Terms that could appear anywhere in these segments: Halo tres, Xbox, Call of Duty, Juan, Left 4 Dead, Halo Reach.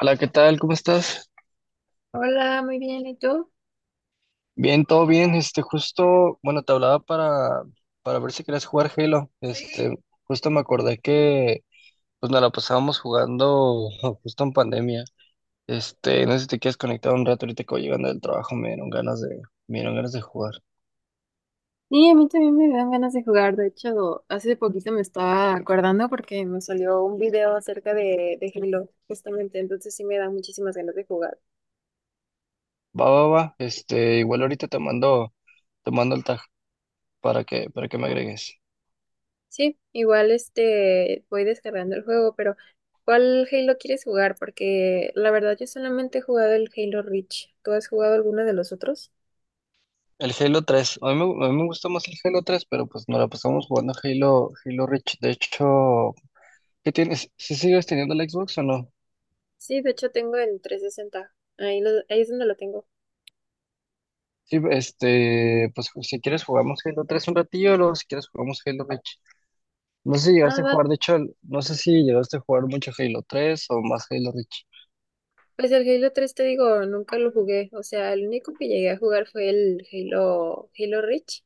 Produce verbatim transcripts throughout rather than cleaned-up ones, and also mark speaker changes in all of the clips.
Speaker 1: Hola, ¿qué tal? ¿Cómo estás?
Speaker 2: Hola, muy bien, ¿y tú?
Speaker 1: Bien, todo bien. Este, justo, bueno, te hablaba para, para ver si querías jugar Halo. Este, justo me acordé que pues nos la pasábamos jugando justo en pandemia. Este, no sé si te quieres conectar un rato ahorita que voy llegando del trabajo, me dieron ganas de, me dieron ganas de jugar.
Speaker 2: Sí, a mí también me dan ganas de jugar. De hecho, hace poquito me estaba acordando porque me salió un video acerca de, de Halo, justamente. Entonces sí me dan muchísimas ganas de jugar.
Speaker 1: Va, va, va. Este, igual ahorita te mando, te mando el tag para que, para que me agregues.
Speaker 2: Sí, igual este voy descargando el juego, pero ¿cuál Halo quieres jugar? Porque la verdad yo solamente he jugado el Halo Reach. ¿Tú has jugado alguno de los otros?
Speaker 1: El Halo tres. A mí me, a mí me gustó más el Halo tres, pero pues nos la pasamos jugando Halo, Halo Reach. De hecho. ¿Qué tienes? ¿Sí sigues teniendo el Xbox o no?
Speaker 2: Sí, de hecho tengo el trescientos sesenta. Ahí, lo- ahí es donde lo tengo.
Speaker 1: Sí, este, pues si quieres jugamos Halo tres un ratillo, luego si quieres jugamos Halo Reach. No sé si
Speaker 2: Ah,
Speaker 1: llegaste a
Speaker 2: va.
Speaker 1: jugar, de hecho, no sé si llegaste a jugar mucho Halo tres o más Halo Reach.
Speaker 2: Pues el Halo tres te digo, nunca lo jugué. O sea, el único que llegué a jugar fue el Halo, Halo Reach.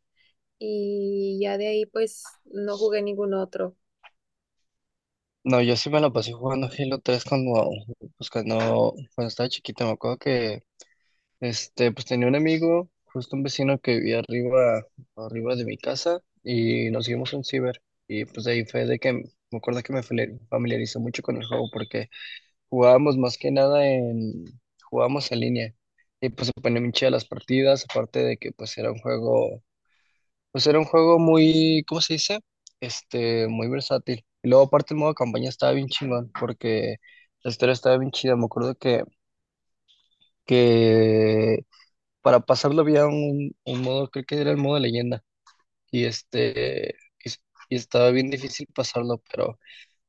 Speaker 2: Y ya de ahí pues no jugué ningún otro.
Speaker 1: No, yo sí me la pasé jugando Halo tres cuando, pues cuando, cuando estaba chiquito, me acuerdo que, este, pues tenía un amigo, justo un vecino que vivía arriba, arriba de mi casa, y nos hicimos un ciber, y pues de ahí fue de que me acuerdo que me familiar- familiarizó mucho con el juego, porque Jugábamos más que nada en, jugábamos en línea. Y pues se ponían bien chidas las partidas, aparte de que pues era un juego, pues era un juego muy, ¿cómo se dice? Este, muy versátil. Y luego aparte el modo campaña estaba bien chingón, porque la historia estaba bien chida. Me acuerdo que, que para pasarlo había un, un modo, creo que era el modo leyenda. Y este, y, y estaba bien difícil pasarlo, pero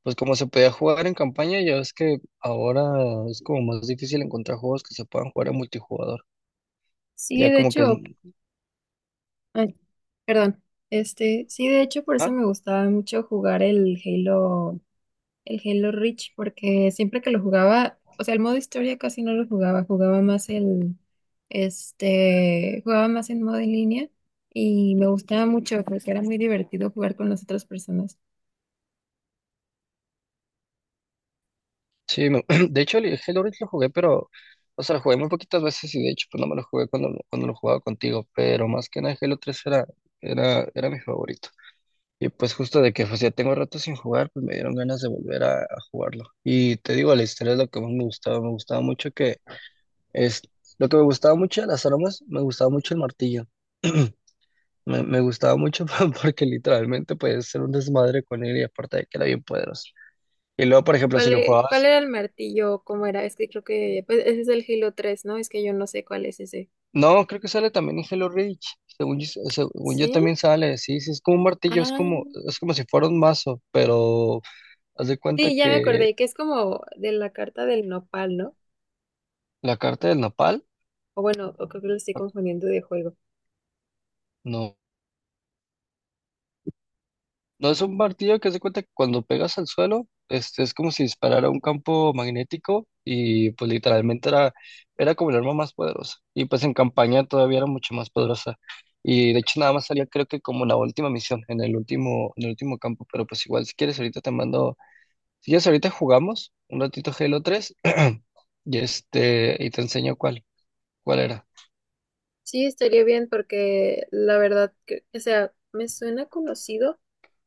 Speaker 1: pues como se podía jugar en campaña, ya ves que ahora es como más difícil encontrar juegos que se puedan jugar en multijugador.
Speaker 2: Sí,
Speaker 1: Ya
Speaker 2: de
Speaker 1: como que es...
Speaker 2: hecho, ay, perdón, este, sí, de hecho, por eso
Speaker 1: Ajá.
Speaker 2: me gustaba mucho jugar el Halo, el Halo Reach, porque siempre que lo jugaba, o sea, el modo historia casi no lo jugaba, jugaba más el, este, jugaba más en modo en línea y me gustaba mucho porque era muy divertido jugar con las otras personas.
Speaker 1: Sí, me- de hecho el Halo Reach lo jugué, pero... O sea, lo jugué muy poquitas veces y de hecho pues no me lo jugué cuando, lo- cuando lo jugaba contigo, pero más que nada el Halo tres era, era, era mi favorito. Y pues justo de que pues ya tengo rato sin jugar, pues me dieron ganas de volver a, a jugarlo. Y te digo, la historia es lo que más me gustaba, me gustaba mucho que... Es, lo que me gustaba mucho de las armas, me gustaba mucho el martillo. Me, me gustaba mucho porque literalmente podías hacer un desmadre con él y aparte de que era bien poderoso. Y luego, por ejemplo, si
Speaker 2: ¿Cuál,
Speaker 1: lo
Speaker 2: e- cuál
Speaker 1: jugabas...
Speaker 2: era el martillo? ¿Cómo era? Es que creo que pues, ese es el Halo tres, ¿no? Es que yo no sé cuál es ese.
Speaker 1: No, creo que sale también en Hello Reach. Según yo, según yo
Speaker 2: ¿Sí?
Speaker 1: también sale, sí, sí, es como un martillo, es
Speaker 2: Ah,
Speaker 1: como, es como si fuera un mazo, pero haz de cuenta
Speaker 2: sí, ya me
Speaker 1: que
Speaker 2: acordé, que es como de la carta del nopal, ¿no?
Speaker 1: la carta del nopal,
Speaker 2: O bueno, o creo que lo estoy confundiendo de juego.
Speaker 1: no. No es un martillo que se cuenta que cuando pegas al suelo, este es como si disparara un campo magnético y pues literalmente era, era como el arma más poderosa. Y pues en campaña todavía era mucho más poderosa. Y de hecho nada más salía creo que como la última misión, en el último, en el último campo. Pero pues igual si quieres ahorita te mando, si quieres ahorita jugamos un ratito Halo tres y este, y te enseño cuál, cuál era.
Speaker 2: Sí, estaría bien porque la verdad, que, o sea, me suena conocido,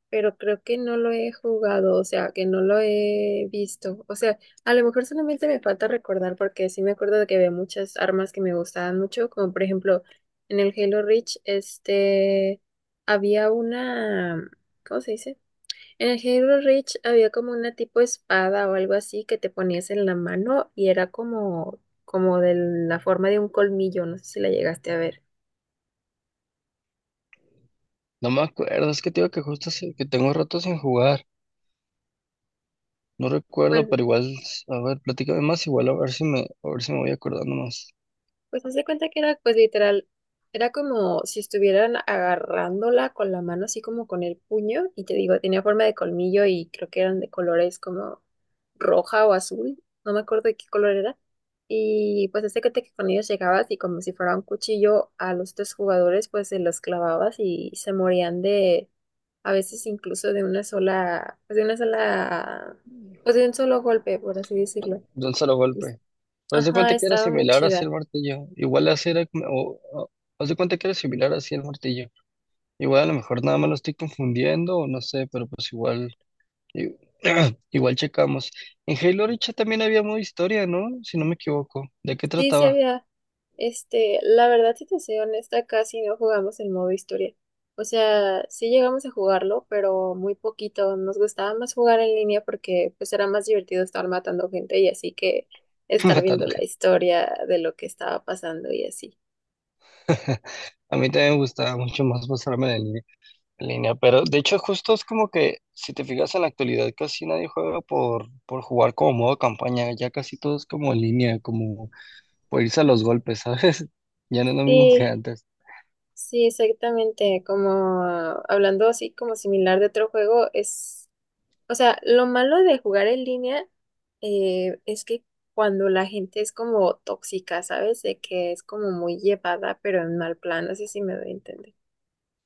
Speaker 2: pero creo que no lo he jugado, o sea, que no lo he visto. O sea, a lo mejor solamente me falta recordar porque sí me acuerdo de que había muchas armas que me gustaban mucho, como por ejemplo en el Halo Reach, este, había una, ¿cómo se dice? En el Halo Reach había como una tipo espada o algo así que te ponías en la mano y era como, como de la forma de un colmillo, no sé si la llegaste a ver.
Speaker 1: No me acuerdo, es que te digo que justo hace- que tengo rato sin jugar. No recuerdo,
Speaker 2: Bueno,
Speaker 1: pero igual, a ver, platícame más, igual a ver si me, a ver si me voy acordando más.
Speaker 2: pues haz de cuenta que era, pues literal, era como si estuvieran agarrándola con la mano, así como con el puño, y te digo, tenía forma de colmillo y creo que eran de colores como roja o azul, no me acuerdo de qué color era. Y pues haz de cuenta que con ellos llegabas y como si fuera un cuchillo a los tres jugadores, pues se los clavabas y se morían de, a veces incluso de una sola, pues de una sola, pues de un solo golpe, por así decirlo.
Speaker 1: De un solo
Speaker 2: Y...
Speaker 1: golpe. Haz de
Speaker 2: ajá,
Speaker 1: cuenta que era
Speaker 2: estaba muy
Speaker 1: similar así el
Speaker 2: chida.
Speaker 1: martillo. Igual así era, como- o, o- haz de cuenta que era similar así el martillo. Igual a lo mejor nada más lo estoy confundiendo, o no sé, pero pues igual, i- igual checamos. En Halo Reach también había modo historia, ¿no? Si no me equivoco. ¿De qué
Speaker 2: Sí, sí
Speaker 1: trataba?
Speaker 2: había. Este, la verdad, si te soy honesta, casi no jugamos el modo historia. O sea, sí llegamos a jugarlo, pero muy poquito. Nos gustaba más jugar en línea porque pues era más divertido estar matando gente y así que estar viendo
Speaker 1: Matando
Speaker 2: la
Speaker 1: gente.
Speaker 2: historia de lo que estaba pasando y así.
Speaker 1: A mí también me gustaba mucho más pasarme de niño en línea, pero de hecho justo es como que si te fijas en la actualidad casi nadie juega por, por jugar como modo campaña, ya casi todo es como en línea, como por irse a los golpes, ¿sabes? Ya no es lo mismo que
Speaker 2: Sí,
Speaker 1: antes.
Speaker 2: sí, exactamente. Como ah, hablando así como similar de otro juego, es... O sea, lo malo de jugar en línea, eh, es que cuando la gente es como tóxica, ¿sabes? De que es como muy llevada, pero en mal plan, no sé si me doy a entender.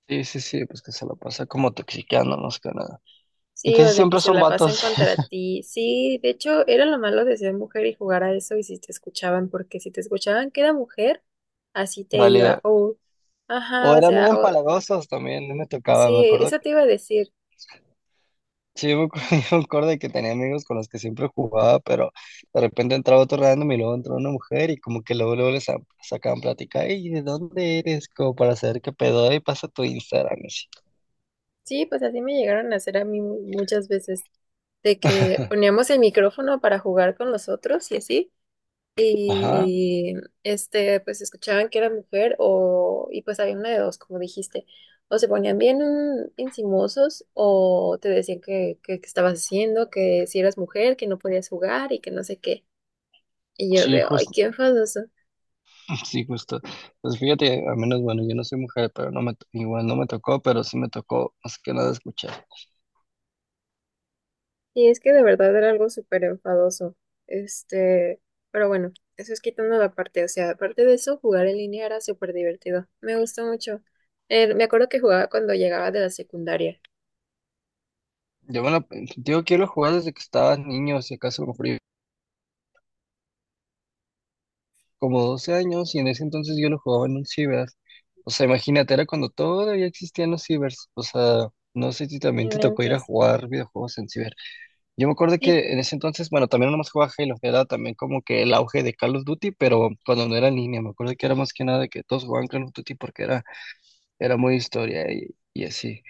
Speaker 1: Sí, sí, sí, pues que se lo pasa como toxiqueando más que nada. Y
Speaker 2: Sí,
Speaker 1: casi
Speaker 2: o de que
Speaker 1: siempre
Speaker 2: se
Speaker 1: son
Speaker 2: la pasan
Speaker 1: vatos,
Speaker 2: contra ti. Sí, de hecho, era lo malo de ser mujer y jugar a eso y si te escuchaban, porque si te escuchaban que era mujer, así te iba.
Speaker 1: valía.
Speaker 2: O,
Speaker 1: O
Speaker 2: ajá, o
Speaker 1: eran bien
Speaker 2: sea, o,
Speaker 1: empalagosos también, no me tocaba, me
Speaker 2: sí,
Speaker 1: acuerdo.
Speaker 2: eso te iba a decir.
Speaker 1: Sí, yo me acu- yo me acuerdo de que tenía amigos con los que siempre jugaba, pero de repente entraba otro random y luego entró una mujer y como que luego, luego les sa- sacaban plática, ¿y de dónde eres? Como para saber qué pedo, y pasa tu Instagram. Y así.
Speaker 2: Sí, pues así me llegaron a hacer a mí mu- muchas veces, de que poníamos el micrófono para jugar con los otros y así,
Speaker 1: Ajá,
Speaker 2: y este, pues escuchaban que era mujer o, y pues había una de dos, como dijiste, o se ponían bien encimosos o te decían que, que, que estabas haciendo, que si eras mujer, que no podías jugar y que no sé qué. Y yo
Speaker 1: sí,
Speaker 2: de, ay,
Speaker 1: justo,
Speaker 2: qué enfadoso.
Speaker 1: sí, justo. Pues fíjate, al menos, bueno, yo no soy mujer, pero no me, to- igual no me tocó, pero sí me tocó más que nada escuchar.
Speaker 2: Y es que de verdad era algo súper enfadoso. Este, pero bueno, eso es quitando la parte. O sea, aparte de eso, jugar en línea era súper divertido. Me gustó mucho. Eh, me acuerdo que jugaba cuando llegaba de la secundaria.
Speaker 1: Yo, bueno, digo, quiero jugar desde que estaba niño, si acaso, a lo mejor como doce años, y en ese entonces yo lo jugaba en un ciber. O sea, imagínate, era cuando todavía existían los cibers. O sea, no sé si
Speaker 2: No
Speaker 1: también te tocó ir a
Speaker 2: inventes.
Speaker 1: jugar videojuegos en ciber. Yo me acuerdo
Speaker 2: Sí.
Speaker 1: que en ese entonces, bueno, también nomás jugaba Halo, que era también como que el auge de Call of Duty, pero cuando no era en línea, me acuerdo que era más que nada de que todos jugaban Call of Duty porque era, era muy historia y, y así.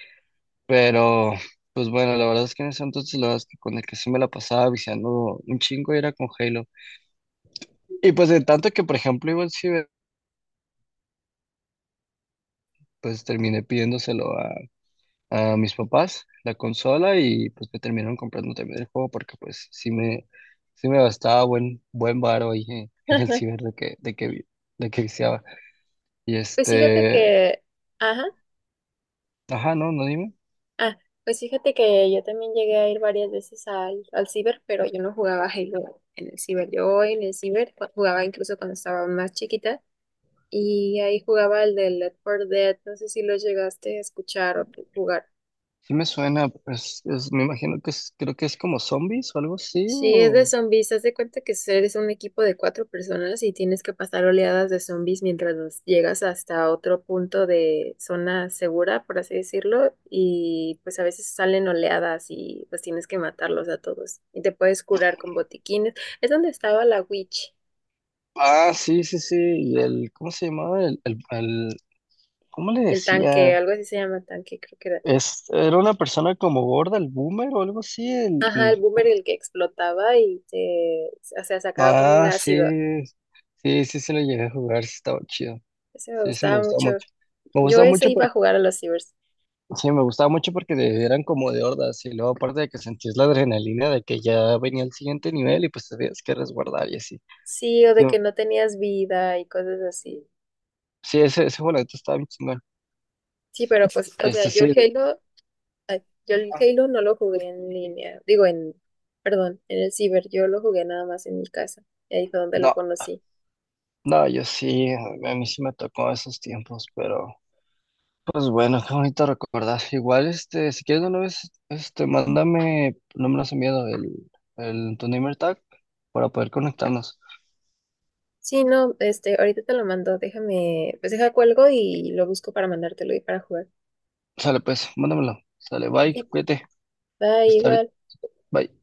Speaker 1: Pero, pues bueno, la verdad es que en ese entonces, la verdad es que con el que sí me la pasaba viciando un chingo era con Halo. Y pues de tanto que, por ejemplo, iba al ciber, pues terminé pidiéndoselo a, a mis papás, la consola, y pues me terminaron comprando también el juego porque pues sí me, sí me gastaba buen, buen varo ahí en, en el ciber de que, de que, vi- de que viciaba. Y
Speaker 2: Pues fíjate
Speaker 1: este,
Speaker 2: que, ajá,
Speaker 1: ajá, no, no dime.
Speaker 2: ah, pues fíjate que yo también llegué a ir varias veces al, al ciber, pero yo no jugaba Halo en el ciber. Yo en el ciber jugaba incluso cuando estaba más chiquita. Y ahí jugaba el de Left four Dead, no sé si lo llegaste a escuchar o jugar.
Speaker 1: Sí me suena, pues es- me imagino que es, creo que es como zombies o algo así.
Speaker 2: Sí, es de
Speaker 1: o-
Speaker 2: zombies, haz de cuenta que eres un equipo de cuatro personas y tienes que pasar oleadas de zombies mientras los llegas hasta otro punto de zona segura, por así decirlo, y pues a veces salen oleadas y pues tienes que matarlos a todos y te puedes curar con botiquines. Es donde estaba la witch,
Speaker 1: Ah, sí, sí, sí. Y el, ¿cómo se llamaba? El, el, el- ¿cómo le
Speaker 2: el tanque,
Speaker 1: decía?
Speaker 2: algo así se llama tanque, creo que era.
Speaker 1: Es, era una persona como gorda, el boomer o algo así, el,
Speaker 2: Ajá,
Speaker 1: el
Speaker 2: el boomer el que explotaba y te, o sea, sacaba como un
Speaker 1: Ah, sí,
Speaker 2: ácido.
Speaker 1: sí, sí, se lo llegué a jugar, sí estaba chido.
Speaker 2: Ese me
Speaker 1: Sí, sí, me
Speaker 2: gustaba
Speaker 1: gustaba
Speaker 2: mucho.
Speaker 1: mucho. Me
Speaker 2: Yo
Speaker 1: gustaba
Speaker 2: ese
Speaker 1: mucho
Speaker 2: iba a
Speaker 1: porque,
Speaker 2: jugar a los cibers.
Speaker 1: sí, me gustaba mucho porque de- eran como de hordas y luego aparte de que sentías la adrenalina de que ya venía el siguiente nivel y pues tenías que resguardar y así.
Speaker 2: Sí, o
Speaker 1: Sí,
Speaker 2: de que no tenías vida y cosas así.
Speaker 1: sí, ese, ese juego estaba bien chingón.
Speaker 2: Sí, pero pues, o sea,
Speaker 1: Este
Speaker 2: yo el
Speaker 1: sí,
Speaker 2: Halo, ay, yo el Halo no lo jugué en línea, digo en, perdón, en el ciber, yo lo jugué nada más en mi casa. Y ahí fue donde lo
Speaker 1: no,
Speaker 2: conocí.
Speaker 1: no, yo sí, a mí sí me tocó esos tiempos, pero... Pues bueno, qué bonito recordar. Igual, este, si quieres de una vez, este, mándame, no me lo has enviado, el, el, tu name tag para poder conectarnos.
Speaker 2: Sí, no, este, ahorita te lo mando, déjame, pues deja cuelgo y lo busco para mandártelo y para jugar.
Speaker 1: Sale pues, mándamelo. Sale, bye,
Speaker 2: Sí,
Speaker 1: cuídate.
Speaker 2: va
Speaker 1: Hasta ahorita,
Speaker 2: igual.
Speaker 1: bye.